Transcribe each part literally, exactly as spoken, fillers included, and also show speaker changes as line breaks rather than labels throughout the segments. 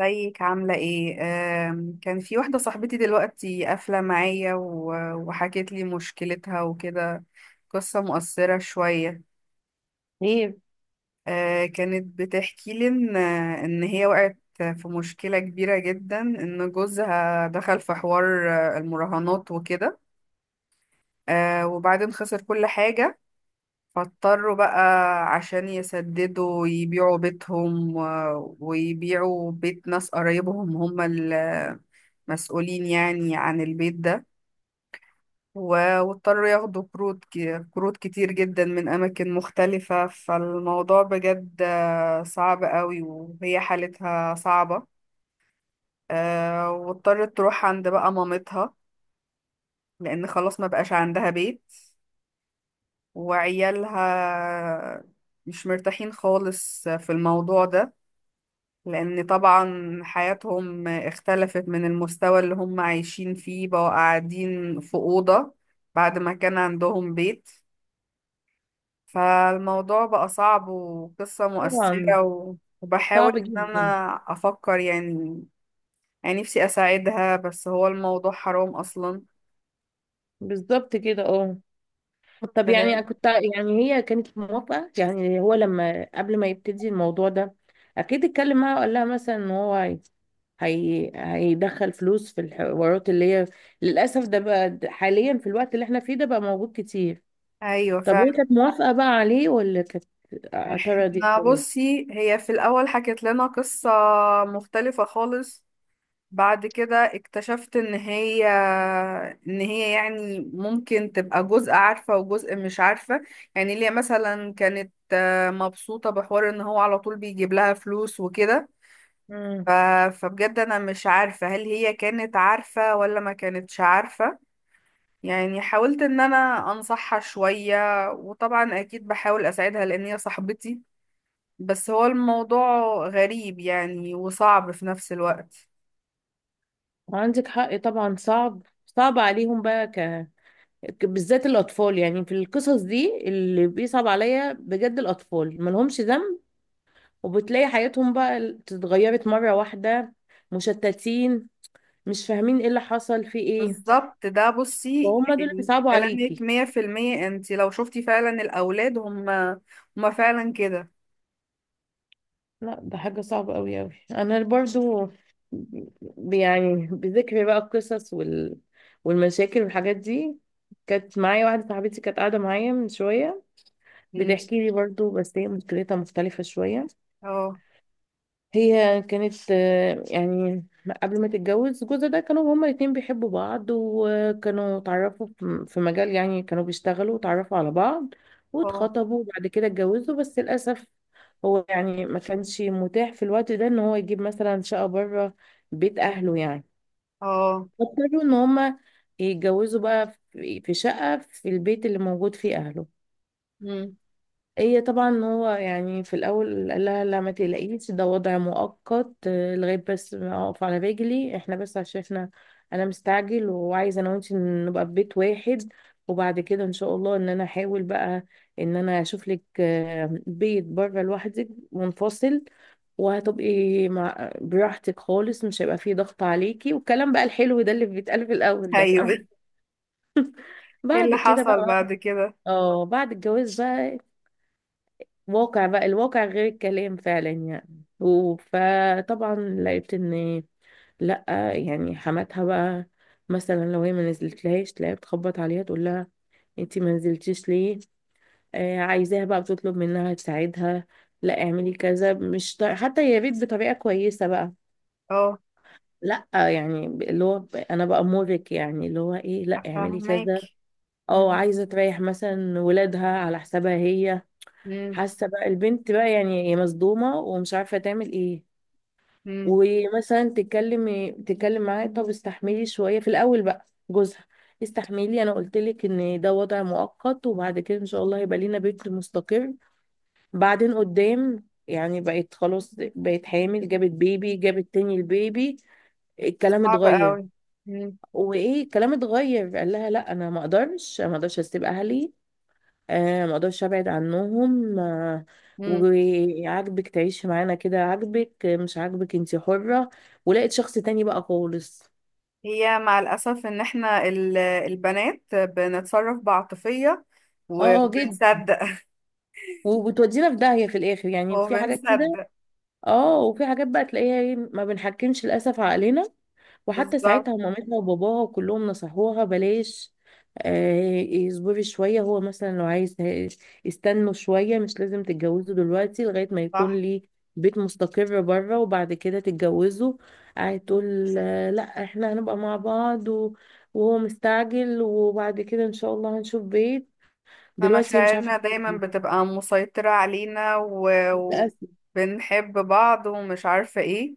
ازيك عاملة ايه؟ آم، كان في واحدة صاحبتي دلوقتي قافلة معايا و- وحكت لي مشكلتها وكده. قصة مؤثرة شوية.
ايه؟
آه، كانت بتحكي لي ان ان هي وقعت في مشكلة كبيرة جدا، ان جوزها دخل في حوار آه، المراهنات وكده. آه، وبعدين خسر كل حاجة، فاضطروا بقى عشان يسددوا يبيعوا بيتهم و- ويبيعوا بيت ناس قرايبهم، هم مسؤولين يعني عن البيت ده. و- واضطروا ياخدوا كروت ك- كروت كتير جدا من أماكن مختلفة. فالموضوع بجد آه، صعب قوي وهي حالتها صعبة. آه، واضطرت تروح عند بقى مامتها لأن خلاص ما بقاش عندها بيت، وعيالها مش مرتاحين خالص في الموضوع ده، لأن طبعا حياتهم اختلفت، من المستوى اللي هم عايشين فيه بقوا قاعدين في أوضة بعد ما كان عندهم بيت. فالموضوع بقى صعب وقصة
طبعا.
مؤثرة و- وبحاول
صعب
إن أنا
جدا.
أفكر، يعني يعني نفسي أساعدها، بس هو الموضوع حرام أصلا.
بالظبط كده، اه. طب يعني
ف-
كنت يعني هي كانت موافقة؟ يعني هو لما قبل ما يبتدي الموضوع ده اكيد اتكلم معاها وقال لها مثلا ان هو هي هي- هيدخل فلوس في الحوارات اللي هي للاسف ده بقى، د- حاليا في الوقت اللي احنا فيه ده بقى موجود كتير.
أيوة
طب هي
فعلا.
كانت موافقة بقى عليه، ولا كانت اعترضت
احنا
ولا؟
بصي هي في الأول حكت لنا قصة مختلفة خالص، بعد كده اكتشفت ان هي ان هي يعني ممكن تبقى جزء عارفة وجزء مش عارفة، يعني اللي هي مثلا كانت مبسوطة بحوار ان هو على طول بيجيب لها فلوس وكده. ف...
مم.
فبجد انا مش عارفة هل هي كانت عارفة ولا ما كانتش عارفة، يعني حاولت ان انا انصحها شوية، وطبعا اكيد بحاول اساعدها لان هي صاحبتي، بس هو الموضوع غريب يعني وصعب في نفس الوقت.
عندك حق، طبعا صعب. صعب عليهم بقى ك بالذات الاطفال. يعني في القصص دي اللي بيصعب عليا بجد، الاطفال ملهمش ذنب، وبتلاقي حياتهم بقى اتغيرت مره واحده، مشتتين، مش فاهمين ايه اللي حصل في ايه،
بالظبط ده. بصي
وهم دول اللي
يعني
بيصعبوا
كلامك
عليكي.
مية في المية، انت لو شفتي فعلا الأولاد هم هم فعلا كده.
لا، ده حاجه صعبه قوي قوي. انا برضو ب- يعني بذكر بقى القصص وال... والمشاكل والحاجات دي، كانت معايا واحده صاحبتي كانت قاعده معايا من شويه،
مم.
بتحكي لي برضو، بس هي مشكلتها مختلفه شويه.
اه
هي كانت آه، يعني قبل ما تتجوز جوزها ده كانوا هما الاتنين بيحبوا بعض، وكانوا اتعرفوا في في مجال، يعني كانوا بيشتغلوا واتعرفوا على بعض،
اه
واتخطبوا وبعد كده اتجوزوا. بس للأسف هو يعني ما كانش متاح في الوقت ده ان هو يجيب مثلا شقة بره بيت اهله يعني،
اه.
فاضطروا ان هما يتجوزوا بقى في في شقة في البيت اللي موجود فيه اهله.
مم.
هي طبعا هو يعني في الاول قال لها: لا ما تقلقيش، ده وضع مؤقت، آه، لغايه بس ما اقف على رجلي. احنا بس عشان احنا انا مستعجل، وعايزه انا وانت نبقى في بيت واحد، وبعد كده ان شاء الله ان انا احاول بقى ان انا اشوف لك آه، بيت بره لوحدك منفصل، وهتبقي مع براحتك خالص، مش هيبقى فيه ضغط عليكي. والكلام بقى الحلو ده اللي بيتقال في الاول ده،
ايوه.
عارف؟
ايه
بعد
اللي
كده بقى،
حصل بعد كده؟
اه، بعد الجواز بقى واقع بقى، الواقع غير الكلام فعلا يعني و- فطبعا لقيت ان لا، يعني حماتها بقى مثلا لو هي ما نزلتلهاش تلاقيها بتخبط عليها، تقول لها: انتي ما نزلتيش ليه؟ آه عايزاها بقى، بتطلب منها تساعدها: لا اعملي كذا. مش ط... حتى يا ريت بطريقة كويسة بقى،
اه،
لا يعني ب- اللي هو ب- انا بأمرك، يعني اللي هو ايه، لا اعملي
فاهمك.
كذا.
مم.
او عايزة تريح مثلا ولادها على حسابها هي.
مم.
حاسه بقى البنت بقى، يعني هي مصدومه ومش عارفه تعمل ايه.
مم.
ومثلا تتكلم، تتكلم معاه: طب استحملي شويه في الاول بقى. جوزها: استحملي، انا قلت لك ان ده وضع مؤقت، وبعد كده ان شاء الله هيبقى لينا بيت مستقر. بعدين قدام يعني بقت خلاص، بقت حامل، جابت بيبي، جابت تاني البيبي. الكلام
صعب
اتغير.
قوي. مم.
وايه؟ الكلام اتغير. قال لها: لا انا ما اقدرش، أنا ما اقدرش اسيب اهلي، آه ما اقدرش ابعد عنهم آه
مم.
وعاجبك تعيشي معانا كده، عاجبك آه، مش عاجبك انتي حرة، ولقيت شخص تاني بقى خالص.
هي مع الأسف إن إحنا ال- البنات بنتصرف بعاطفية،
اه، اه، جد.
وبنصدق.
وبتودينا في داهية في الاخر يعني، في حاجات كده.
وبنصدق.
اه. وفي حاجات بقى تلاقيها ايه، ما بنحكمش للاسف عقلنا. وحتى
بالظبط
ساعتها مامتها وباباها كلهم نصحوها: بلاش، آه، اصبري شوية، هو مثلا لو عايز ه- استنوا شوية، مش لازم تتجوزوا دلوقتي لغاية ما يكون
صح.
ليه بيت مستقر بره، وبعد كده تتجوزوا. قاعد تقول آه، لا احنا هنبقى مع بعض و- وهو مستعجل، وبعد كده ان شاء الله هنشوف بيت.
إن
دلوقتي هي مش عارفة
مشاعرنا دايما
تتجوز.
بتبقى مسيطرة علينا و...
للأسف.
وبنحب بعض ومش عارفة ايه،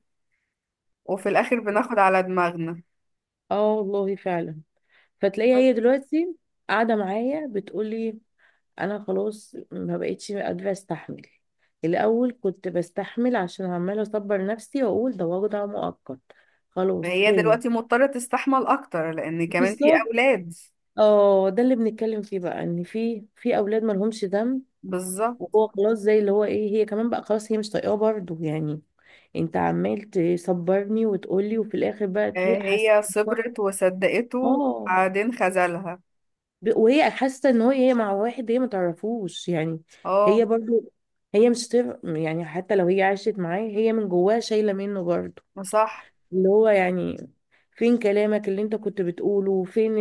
وفي الآخر بناخد على دماغنا.
اه، والله فعلا. فتلاقيها
بس.
هي دلوقتي قاعدة معايا بتقولي: انا خلاص ما بقتش قادره استحمل، الاول كنت بستحمل عشان عماله اصبر نفسي واقول ده وجع مؤقت، خلاص
فهي
هاني.
دلوقتي مضطرة تستحمل أكتر لأن كمان في
بالظبط.
أولاد.
اه، ده اللي بنتكلم فيه بقى، ان في في اولاد ما لهمش ذنب.
بالظبط.
وهو خلاص زي اللي هو ايه، هي كمان بقى خلاص هي مش طايقاه برضه يعني. انت عمال تصبرني وتقولي، وفي الاخر بقى
آه،
تح- حاسه
هي
إن
صبرت وصدقته
هو،
وبعدين خذلها.
ب- وهي حاسه ان هو- هي مع واحد هي ما تعرفوش يعني.
اه
هي برضو، هي مش تف... يعني حتى لو هي عاشت معاه هي من جواها شايله منه برضو.
صح.
اللي هو يعني، فين كلامك اللي انت كنت بتقوله فين؟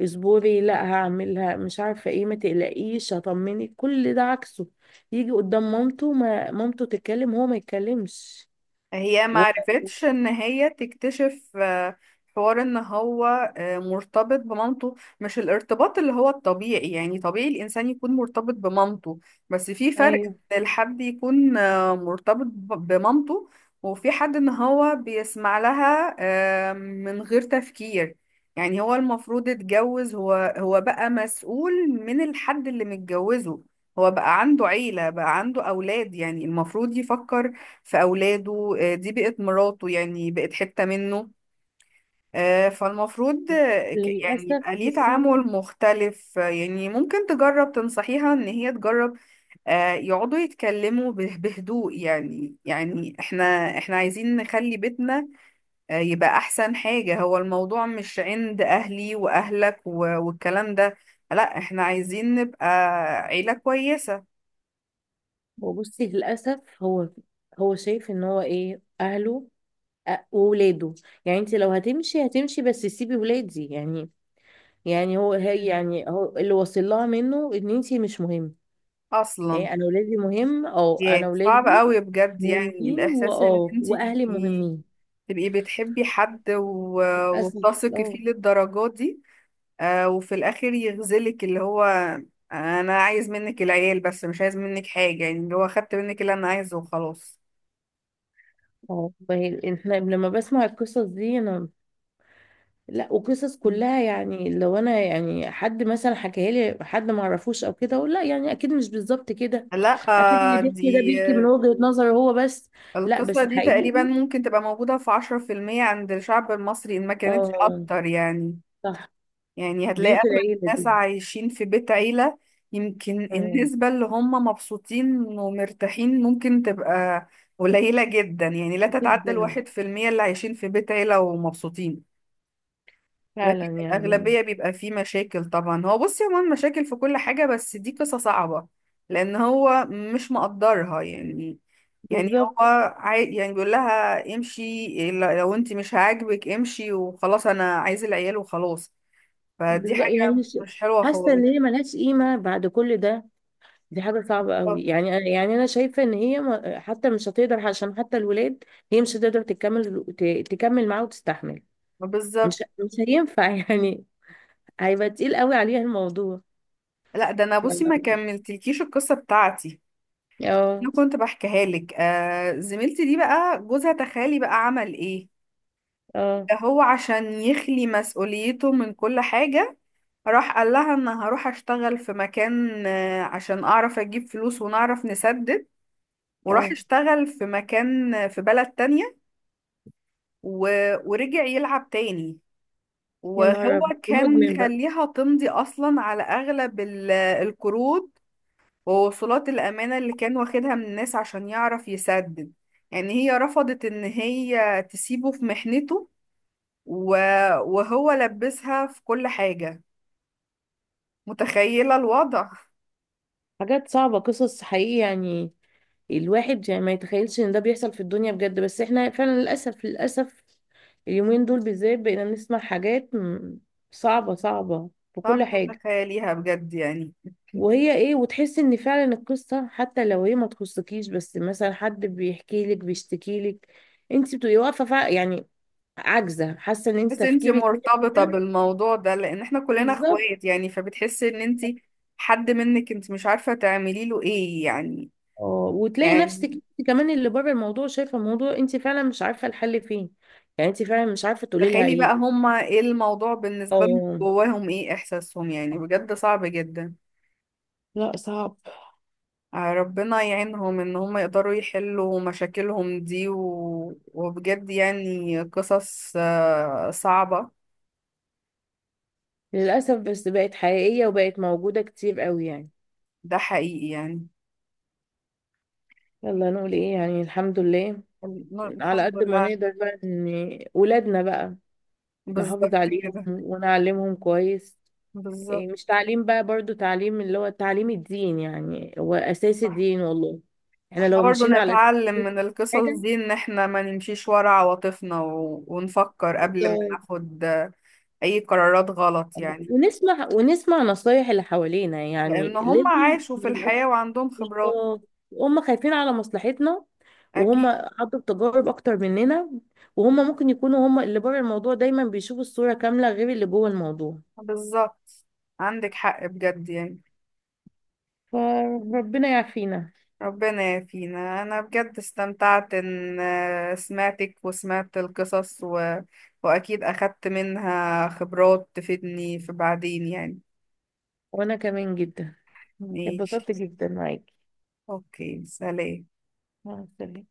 اصبري، لا هعملها، مش عارفه ايه، ما تقلقيش، هطمنك، كل ده عكسه. يجي قدام مامته ما مامته تتكلم هو ما يتكلمش.
هي معرفتش ان هي تكتشف آه، حوار ان هو آه، مرتبط بمامته، مش الارتباط اللي هو الطبيعي، يعني طبيعي الانسان يكون مرتبط بمامته، بس في فرق ان
ايوه.
الحد يكون آه، مرتبط ب- بمامته، وفي حد ان هو بيسمع لها آه، من غير تفكير. يعني هو المفروض اتجوز، هو هو بقى مسؤول من الحد اللي متجوزه، هو بقى عنده عيلة، بقى عنده أولاد، يعني المفروض يفكر في أولاده، آه، دي بقت مراته يعني بقت حتة منه. آه، فالمفروض آه، ك- يعني
وللاسف
يبقى ليه
بصي.
تعامل مختلف. آه، يعني ممكن تجرب تنصحيها إن هي تجرب آه، يقعدوا يتكلموا به- بهدوء يعني يعني احنا احنا عايزين نخلي بيتنا آه، يبقى أحسن حاجة، هو الموضوع مش عند أهلي وأهلك و- والكلام ده، لا احنا عايزين نبقى عيلة كويسة.
وبصي للاسف هو، هو شايف ان هو ايه، اهله أ- وولاده، يعني انت لو هتمشي، هتمشي، بس سيبي ولادي يعني. يعني هو هي،
مم.
يعني هو اللي واصل لها منه ان انت مش مهم.
أصلا.
هي انا ولادي مهم، اه،
ياه
انا
صعب
ولادي
قوي بجد، يعني
مهمين،
الإحساس إن
واه،
أنتي
واهلي
تبقي،
مهمين.
تبقي بتحبي حد و...
للاسف.
وبتثقي
اه.
فيه للدرجات دي، آه وفي الآخر يغزلك اللي هو أنا عايز منك العيال بس مش عايز منك حاجة، يعني اللي هو خدت منك اللي أنا عايزه وخلاص.
اه، فهي احنا لما بسمع القصص دي انا، لا، وقصص
مم.
كلها يعني، لو انا يعني حد مثلا حكاها لي حد ما اعرفوش او كده اقول لا يعني اكيد مش بالظبط كده.
لا.
اكيد اللي
آه،
بيحكي ده
دي
بيحكي من
آه،
وجهة نظره هو بس. لا
القصة
بس
دي تقريبا
حقيقي.
ممكن تبقى موجودة في عشرة في المية عند الشعب المصري، إن ما كانتش
اه.
أكتر يعني.
صح.
يعني هتلاقي
بيوت
أغلب
العيلة
الناس
دي.
عايشين في بيت عيلة. يمكن
آه.
النسبة اللي هم مبسوطين ومرتاحين ممكن تبقى قليلة جدا، يعني لا تتعدى
جدا.
الواحد في المية اللي عايشين في بيت عيلة ومبسوطين. لكن
فعلا يعني.
الأغلبية بيبقى فيه مشاكل. طبعا هو بص يا مان، مشاكل في كل حاجة، بس دي قصة صعبة لأن هو مش مقدرها يعني يعني
بالظبط.
هو عاي... يعني بيقول لها امشي، لو انت مش عاجبك امشي وخلاص، انا عايز العيال وخلاص. فدي
بالظبط،
حاجة
يعني ش-
مش حلوة
حاسة ان
خالص.
هي ملهاش قيمة بعد كل ده. دي حاجة صعبة
آه،
قوي يعني. أنا- يعني انا شايفة ان هي ما- حتى مش هتقدر، عشان حتى الولاد هي مش هتقدر تكمل ت- تكمل معاه وتستحمل.
بالظبط.
مش مش هينفع يعني، هيبقى تقيل قوي عليها الموضوع.
لا ده، انا
ف-
بصي ما كملتلكيش القصة بتاعتي.
اه.
انا كنت بحكيها لك، آه زميلتي دي بقى جوزها تخيلي بقى عمل ايه.
اه،
ده هو عشان يخلي مسؤوليته من كل حاجة راح قال لها ان هروح اشتغل في مكان، آه، عشان اعرف اجيب فلوس ونعرف نسدد، وراح
اه،
اشتغل في مكان، آه، في بلد تانية و... ورجع يلعب تاني.
يا نهار
وهو
أبيض.
كان
مدمن بقى.
مخليها تمضي اصلا على اغلب ال- القروض ووصولات الامانه اللي كان واخدها من الناس عشان يعرف يسدد. يعني هي رفضت ان هي تسيبه في محنته، و- وهو لبسها في كل حاجه. متخيله الوضع؟
حاجات صعبة، قصص حقيقي يعني. الواحد يعني ما يتخيلش ان ده بيحصل في الدنيا بجد. بس احنا فعلا للأسف، للأسف اليومين دول بالذات بقينا نسمع حاجات م- صعبة، صعبة، في كل
صعب
حاجة.
تتخيليها بجد يعني.
وهي ايه، وتحس ان فعلا القصة حتى لو هي ما تخصكيش، بس مثلا حد بيحكي لك، بيشتكي لك، انت بتبقي واقفة فع- يعني عاجزة، حاسة ان انت
بس انتي
تفكيرك.
مرتبطه بالموضوع ده لان احنا كلنا
بالظبط.
اخوات، يعني فبتحسي ان انتي حد منك، انت مش عارفه تعملي له ايه يعني
اه، وتلاقي نفسك
يعني
انت كمان اللي بره الموضوع شايفه الموضوع، انت فعلا مش عارفه الحل فين. يعني انت فعلا مش عارفه تقولي لها
تخيلي بقى
ايه.
هما ايه الموضوع بالنسبة لهم،
اه.
جواهم ايه احساسهم؟ يعني بجد صعب جدا.
لا، صعب.
آه، ربنا يعينهم ان هما يقدروا يحلوا مشاكلهم دي و... وبجد يعني قصص آه، صعبة.
للاسف بس بقت حقيقيه وبقت موجوده كتير قوي يعني.
ده حقيقي يعني.
يلا نقول ايه يعني، الحمد لله. على
الحمد
قد ما
لله.
نقدر بقى ان ولادنا بقى نحافظ
بالظبط
عليهم
كده.
ونعلمهم كويس. إيه،
بالظبط
مش تعليم بقى برضو، تعليم اللي هو تعليم الدين يعني، هو اساس
صح.
الدين والله. احنا
احنا
لو
برضو
مشينا على أساس
نتعلم
الدين،
من
في
القصص دي، ان احنا ما نمشيش ورا عواطفنا و... ونفكر قبل ما
حاجه.
ناخد آه، اي قرارات غلط يعني،
ونسمع ونسمع نصايح اللي حوالينا
لأن
يعني
هم
لازم.
عاشوا في الحياة وعندهم خبرات.
بالظبط. هم خايفين على مصلحتنا، وهم
أكيد.
عدوا بتجارب اكتر مننا، وهم ممكن يكونوا هم اللي بره الموضوع دايما بيشوفوا الصورة كاملة غير اللي جوه الموضوع.
بالظبط. عندك حق بجد يعني.
فربنا يعافينا.
ربنا يعافينا. أنا بجد استمتعت إن آه، سمعتك وسمعت القصص و... وأكيد أخدت منها خبرات تفيدني في بعدين يعني.
وانا كمان جدا
ماشي.
اتبسطت جدا معاكي.
أوكي سلام.
مع السلامة.